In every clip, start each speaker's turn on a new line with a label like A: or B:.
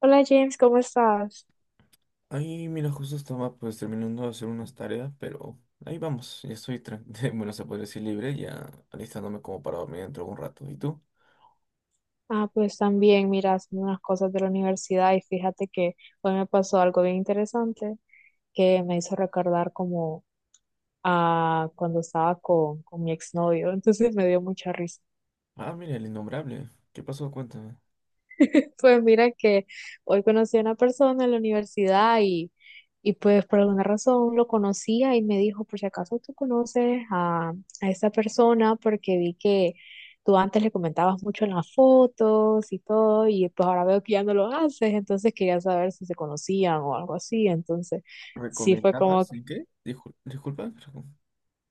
A: Hola James, ¿cómo estás?
B: Ahí, mira, justo estaba pues terminando de hacer unas tareas, pero ahí vamos, ya estoy, bueno, se podría decir libre, ya alistándome como para dormir dentro de un rato. ¿Y tú?
A: Ah, pues también, mira, haciendo unas cosas de la universidad y fíjate que hoy me pasó algo bien interesante que me hizo recordar como a cuando estaba con mi exnovio, entonces me dio mucha risa.
B: Ah, mira, el innombrable. ¿Qué pasó? Cuéntame.
A: Pues mira que hoy conocí a una persona en la universidad y pues por alguna razón lo conocía y me dijo, por si acaso tú conoces a esa persona porque vi que tú antes le comentabas mucho en las fotos y todo y pues ahora veo que ya no lo haces, entonces quería saber si se conocían o algo así, entonces sí fue como
B: ¿Recomendabas en qué? Disculpa, pero...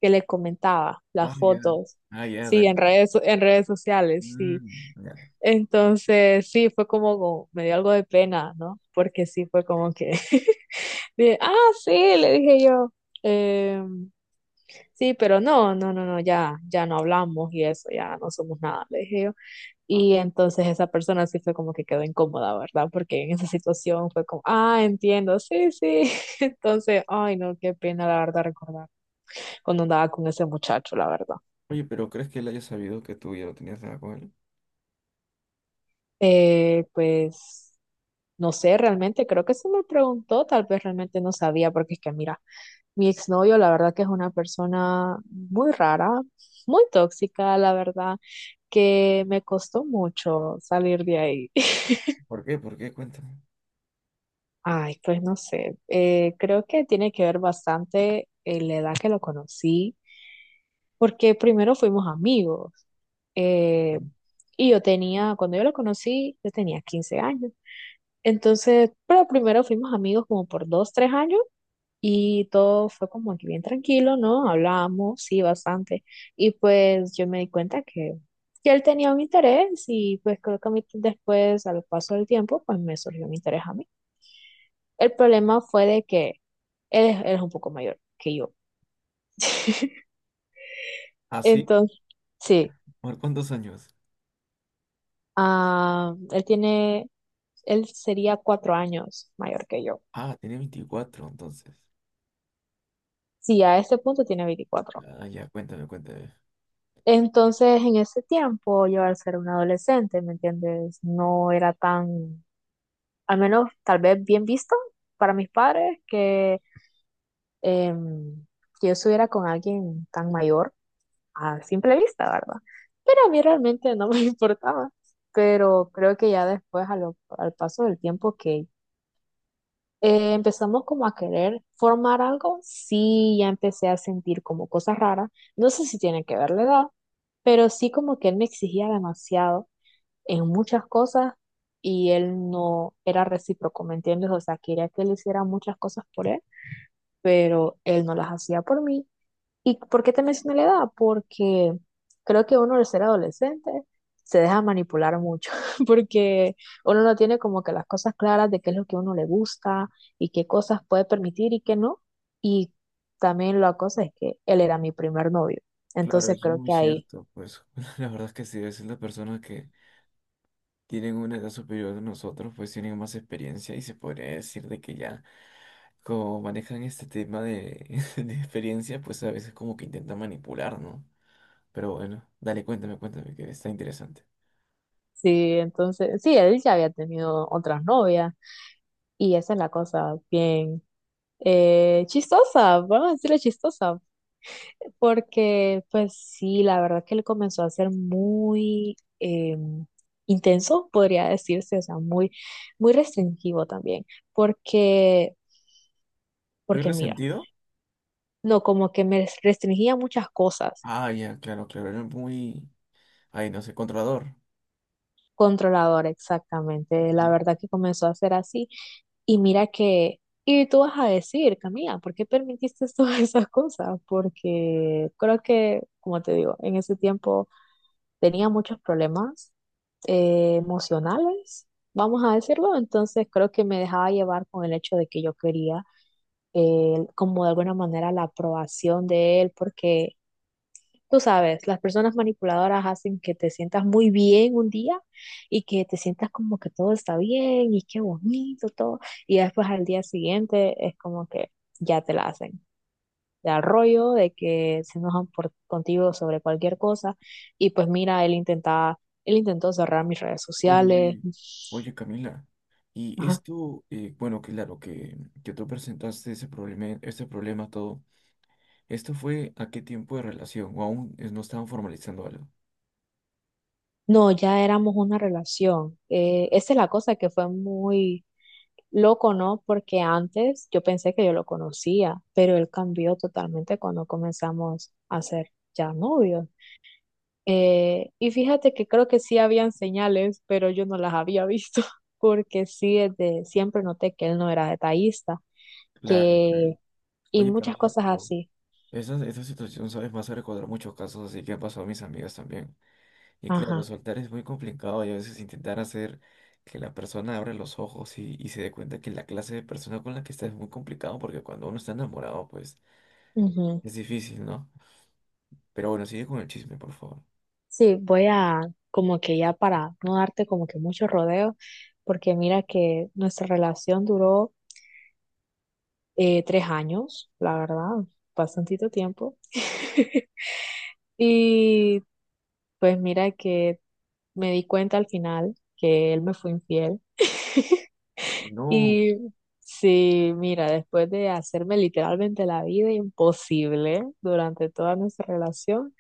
A: que le comentaba
B: Ah,
A: las
B: ya.
A: fotos,
B: Ah, ya,
A: sí,
B: dale.
A: en redes sociales, sí.
B: Mm, ya.
A: Entonces, sí, fue como, me dio algo de pena, ¿no? Porque sí fue como que, dije, ah, sí, le dije yo, "em, sí, pero no, no, no, no, ya, ya no hablamos y eso, ya no somos nada, le dije yo. Y entonces esa persona sí fue como que quedó incómoda, ¿verdad? Porque en esa situación fue como, ah, entiendo, sí, sí. Entonces, ay, no, qué pena, la verdad, recordar cuando andaba con ese muchacho, la verdad.
B: Oye, pero ¿crees que él haya sabido que tú ya lo tenías nada con él?
A: Eh, pues. No sé, realmente creo que se me preguntó, tal vez realmente no sabía, porque es que mira, mi exnovio la verdad que es una persona muy rara, muy tóxica, la verdad, que me costó mucho salir de ahí.
B: ¿Por qué? ¿Por qué? Cuéntame.
A: Ay, pues no sé, creo que tiene que ver bastante en la edad que lo conocí, porque primero fuimos amigos. eh,
B: Ujú.
A: y yo tenía, cuando yo lo conocí, yo tenía 15 años. Entonces, pero primero fuimos amigos como por dos, tres años y todo fue como que bien tranquilo, ¿no? Hablábamos, sí, bastante. Y pues yo me di cuenta que él tenía un interés y pues creo que a mí después, al paso del tiempo, pues me surgió un interés a mí. El problema fue de que él es un poco mayor que yo.
B: ¿Ah, sí?
A: Entonces, sí,
B: ¿Por cuántos años?
A: ah, él sería 4 años mayor que yo.
B: Ah, tenía 24 entonces.
A: Sí, a este punto tiene 24.
B: Ah, ya, cuéntame, cuéntame.
A: Entonces, en ese tiempo, yo al ser un adolescente, ¿me entiendes? No era tan, al menos tal vez bien visto para mis padres que, em, que yo estuviera con alguien tan mayor a simple vista, ¿verdad? Pero a mí realmente no me importaba. Pero creo que ya después, al paso del tiempo que empezamos como a querer formar algo, sí, ya empecé a sentir como cosas raras. No sé si tiene que ver la edad, pero sí como que él me exigía demasiado en muchas cosas y él no era recíproco, ¿me entiendes? O sea, quería que él hiciera muchas cosas por él, pero él no las hacía por mí. ¿Y por qué te mencioné la edad? Porque creo que uno al ser adolescente se deja manipular mucho, porque uno no tiene como que las cosas claras de qué es lo que a uno le gusta y qué cosas puede permitir y qué no. Y también la cosa es que él era mi primer novio,
B: Claro,
A: entonces
B: eso es
A: creo
B: muy
A: que ahí,
B: cierto. Pues la verdad es que sí, a veces las personas que tienen una edad superior a nosotros, pues tienen más experiencia y se podría decir de que ya, como manejan este tema de, de experiencia, pues a veces como que intentan manipular, ¿no? Pero bueno, dale, cuéntame, cuéntame, que está interesante.
A: sí, entonces, sí, él ya había tenido otras novias. Y esa es la cosa bien chistosa, vamos a decirle chistosa, porque pues sí, la verdad que él comenzó a ser muy intenso, podría decirse, o sea, muy restringivo también, porque,
B: ¿Muy
A: porque mira,
B: resentido?
A: no, como que me restringía muchas cosas,
B: Ah, ya, claro, claro, era muy, ay, no sé, controlador.
A: controlador exactamente, la
B: Ujú.
A: verdad que comenzó a ser así. Y mira que, y tú vas a decir, Camila, ¿por qué permitiste todas esas cosas? Porque creo que, como te digo, en ese tiempo tenía muchos problemas emocionales, vamos a decirlo, entonces creo que me dejaba llevar con el hecho de que yo quería como de alguna manera la aprobación de él, porque tú sabes, las personas manipuladoras hacen que te sientas muy bien un día y que te sientas como que todo está bien y qué bonito todo. Y después al día siguiente es como que ya te la hacen. De al rollo, de que se enojan contigo sobre cualquier cosa. Y pues mira, él intentó cerrar mis redes
B: Oye,
A: sociales.
B: oye, oye, Camila. Y
A: Ajá.
B: esto, bueno, claro, que tú presentaste ese problema todo. ¿Esto fue a qué tiempo de relación? ¿O aún no estaban formalizando algo?
A: No, ya éramos una relación. Esa es la cosa que fue muy loco, ¿no? Porque antes yo pensé que yo lo conocía, pero él cambió totalmente cuando comenzamos a ser ya novios. Y fíjate que creo que sí habían señales, pero yo no las había visto, porque sí, desde siempre noté que él no era detallista,
B: Claro, claro.
A: que, y
B: Oye,
A: muchas
B: Camila,
A: cosas
B: pero
A: así.
B: esa situación, ¿sabes? Me hace recordar muchos casos así que han pasado a mis amigas también. Y claro,
A: Ajá.
B: soltar es muy complicado y a veces intentar hacer que la persona abra los ojos y se dé cuenta que la clase de persona con la que está es muy complicado porque cuando uno está enamorado, pues
A: Ujú.
B: es difícil, ¿no? Pero bueno, sigue con el chisme, por favor.
A: Sí, como que ya para no darte como que mucho rodeo, porque mira que nuestra relación duró 3 años, la verdad, bastantito tiempo. Y pues mira que me di cuenta al final que él me fue infiel.
B: No.
A: Y sí, mira, después de hacerme literalmente la vida imposible durante toda nuestra relación,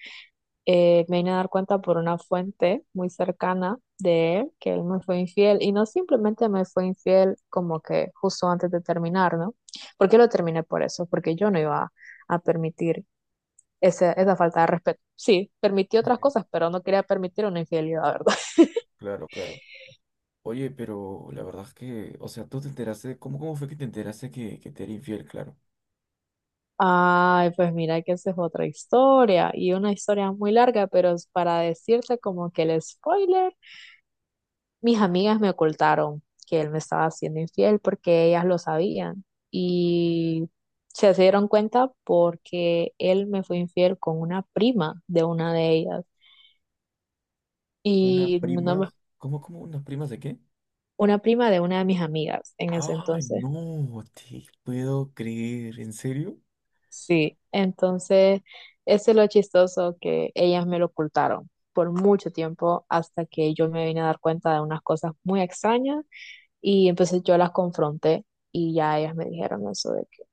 A: me vine a dar cuenta por una fuente muy cercana de él que él me fue infiel. Y no simplemente me fue infiel como que justo antes de terminar, ¿no? Porque lo terminé por eso, porque yo no iba a permitir esa falta de respeto. Sí, permitió otras cosas, pero no quería permitir una infidelidad, ¿verdad?
B: Claro, claro. Oye, pero la verdad es que, o sea, tú te enteraste, ¿cómo, cómo fue que te enteraste que te era infiel, claro?
A: Ay, pues mira que esa es otra historia y una historia muy larga, pero es para decirte como que el spoiler, mis amigas me ocultaron que él me estaba haciendo infiel porque ellas lo sabían y se dieron cuenta porque él me fue infiel con una prima de una de ellas
B: Una
A: y no
B: prima,
A: me-
B: ¿cómo, cómo, unas primas de qué?
A: una prima de una de mis amigas en ese
B: Ay,
A: entonces.
B: no, te puedo creer, ¿en serio?
A: Sí, entonces eso es lo chistoso que ellas me lo ocultaron por mucho tiempo hasta que yo me vine a dar cuenta de unas cosas muy extrañas y entonces yo las confronté y ya ellas me dijeron eso de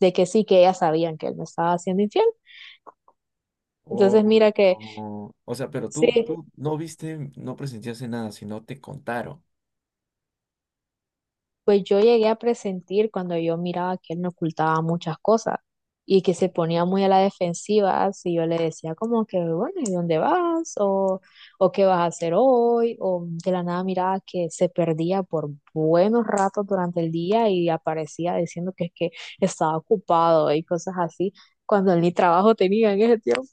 A: de que sí, que ellas sabían que él me estaba haciendo infiel. Entonces
B: Uy,
A: mira que
B: no. O sea, pero tú,
A: sí,
B: tú no viste, no presenciaste nada, sino te contaron.
A: pues yo llegué a presentir cuando yo miraba que él me ocultaba muchas cosas y que se ponía muy a la defensiva si yo le decía como que, bueno, ¿y dónde vas? O ¿qué vas a hacer hoy? O de la nada miraba que se perdía por buenos ratos durante el día y aparecía diciendo que es que estaba ocupado y cosas así, cuando él ni trabajo tenía en ese tiempo.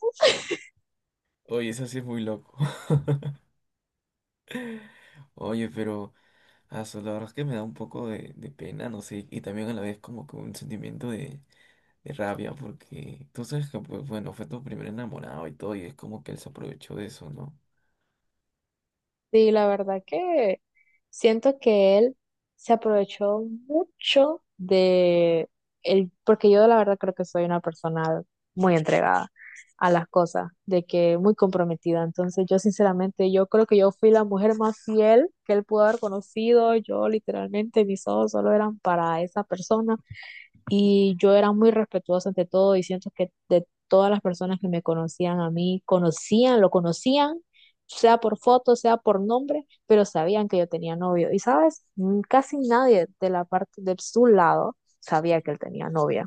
B: Oye, eso sí es muy loco. Oye, pero, aso, la verdad es que me da un poco de pena, no sé, y también a la vez como que un sentimiento de rabia porque tú sabes que, pues bueno, fue tu primer enamorado y todo, y es como que él se aprovechó de eso, ¿no?
A: Sí, la verdad que siento que él se aprovechó mucho de él, porque yo la verdad creo que soy una persona muy entregada a las cosas, de que muy comprometida. Entonces yo sinceramente, yo creo que yo fui la mujer más fiel que él pudo haber conocido. Yo literalmente mis ojos solo eran para esa persona. Y yo era muy respetuosa ante todo y siento que de todas las personas que me conocían a mí, conocían, lo conocían, sea por foto, sea por nombre, pero sabían que yo tenía novio. Y sabes, mm, casi nadie de la parte de su lado sabía que él tenía novia.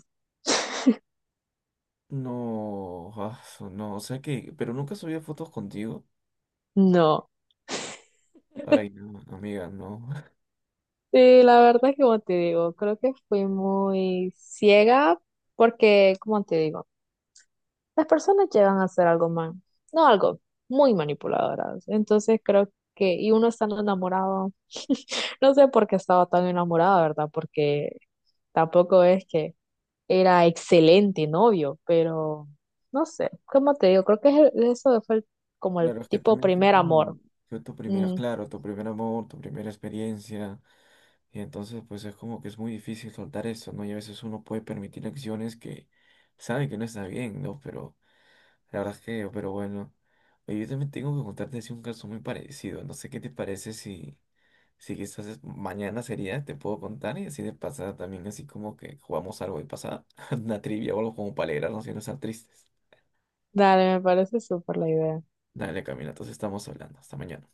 B: No, ah, no, o sea que, pero nunca subía fotos contigo.
A: No.
B: Ay, no, amiga, no.
A: Sí, la verdad es que como te digo, creo que fui muy ciega porque, como te digo, las personas llegan a ser algo mal, no algo, muy manipuladoras. Entonces creo que, y uno estando enamorado, no sé por qué estaba tan enamorada, ¿verdad? Porque tampoco es que era excelente novio, pero no sé, ¿cómo te digo? Creo que es eso fue como el
B: Claro, es que
A: tipo
B: también
A: primer amor.
B: fue tu primera,
A: Mm,
B: claro, tu primer amor, tu primera experiencia, y entonces pues es como que es muy difícil soltar eso, ¿no? Y a veces uno puede permitir acciones que sabe que no está bien, ¿no? Pero la verdad es que, pero bueno. Oye, yo también tengo que contarte así un caso muy parecido. No sé qué te parece si, si quizás mañana sería, te puedo contar y así de pasada también, así como que jugamos algo de pasada, una trivia o algo como para alegrarnos y no estar tristes.
A: dale, me parece súper la idea.
B: Dale, Camila, entonces estamos hablando. Hasta mañana.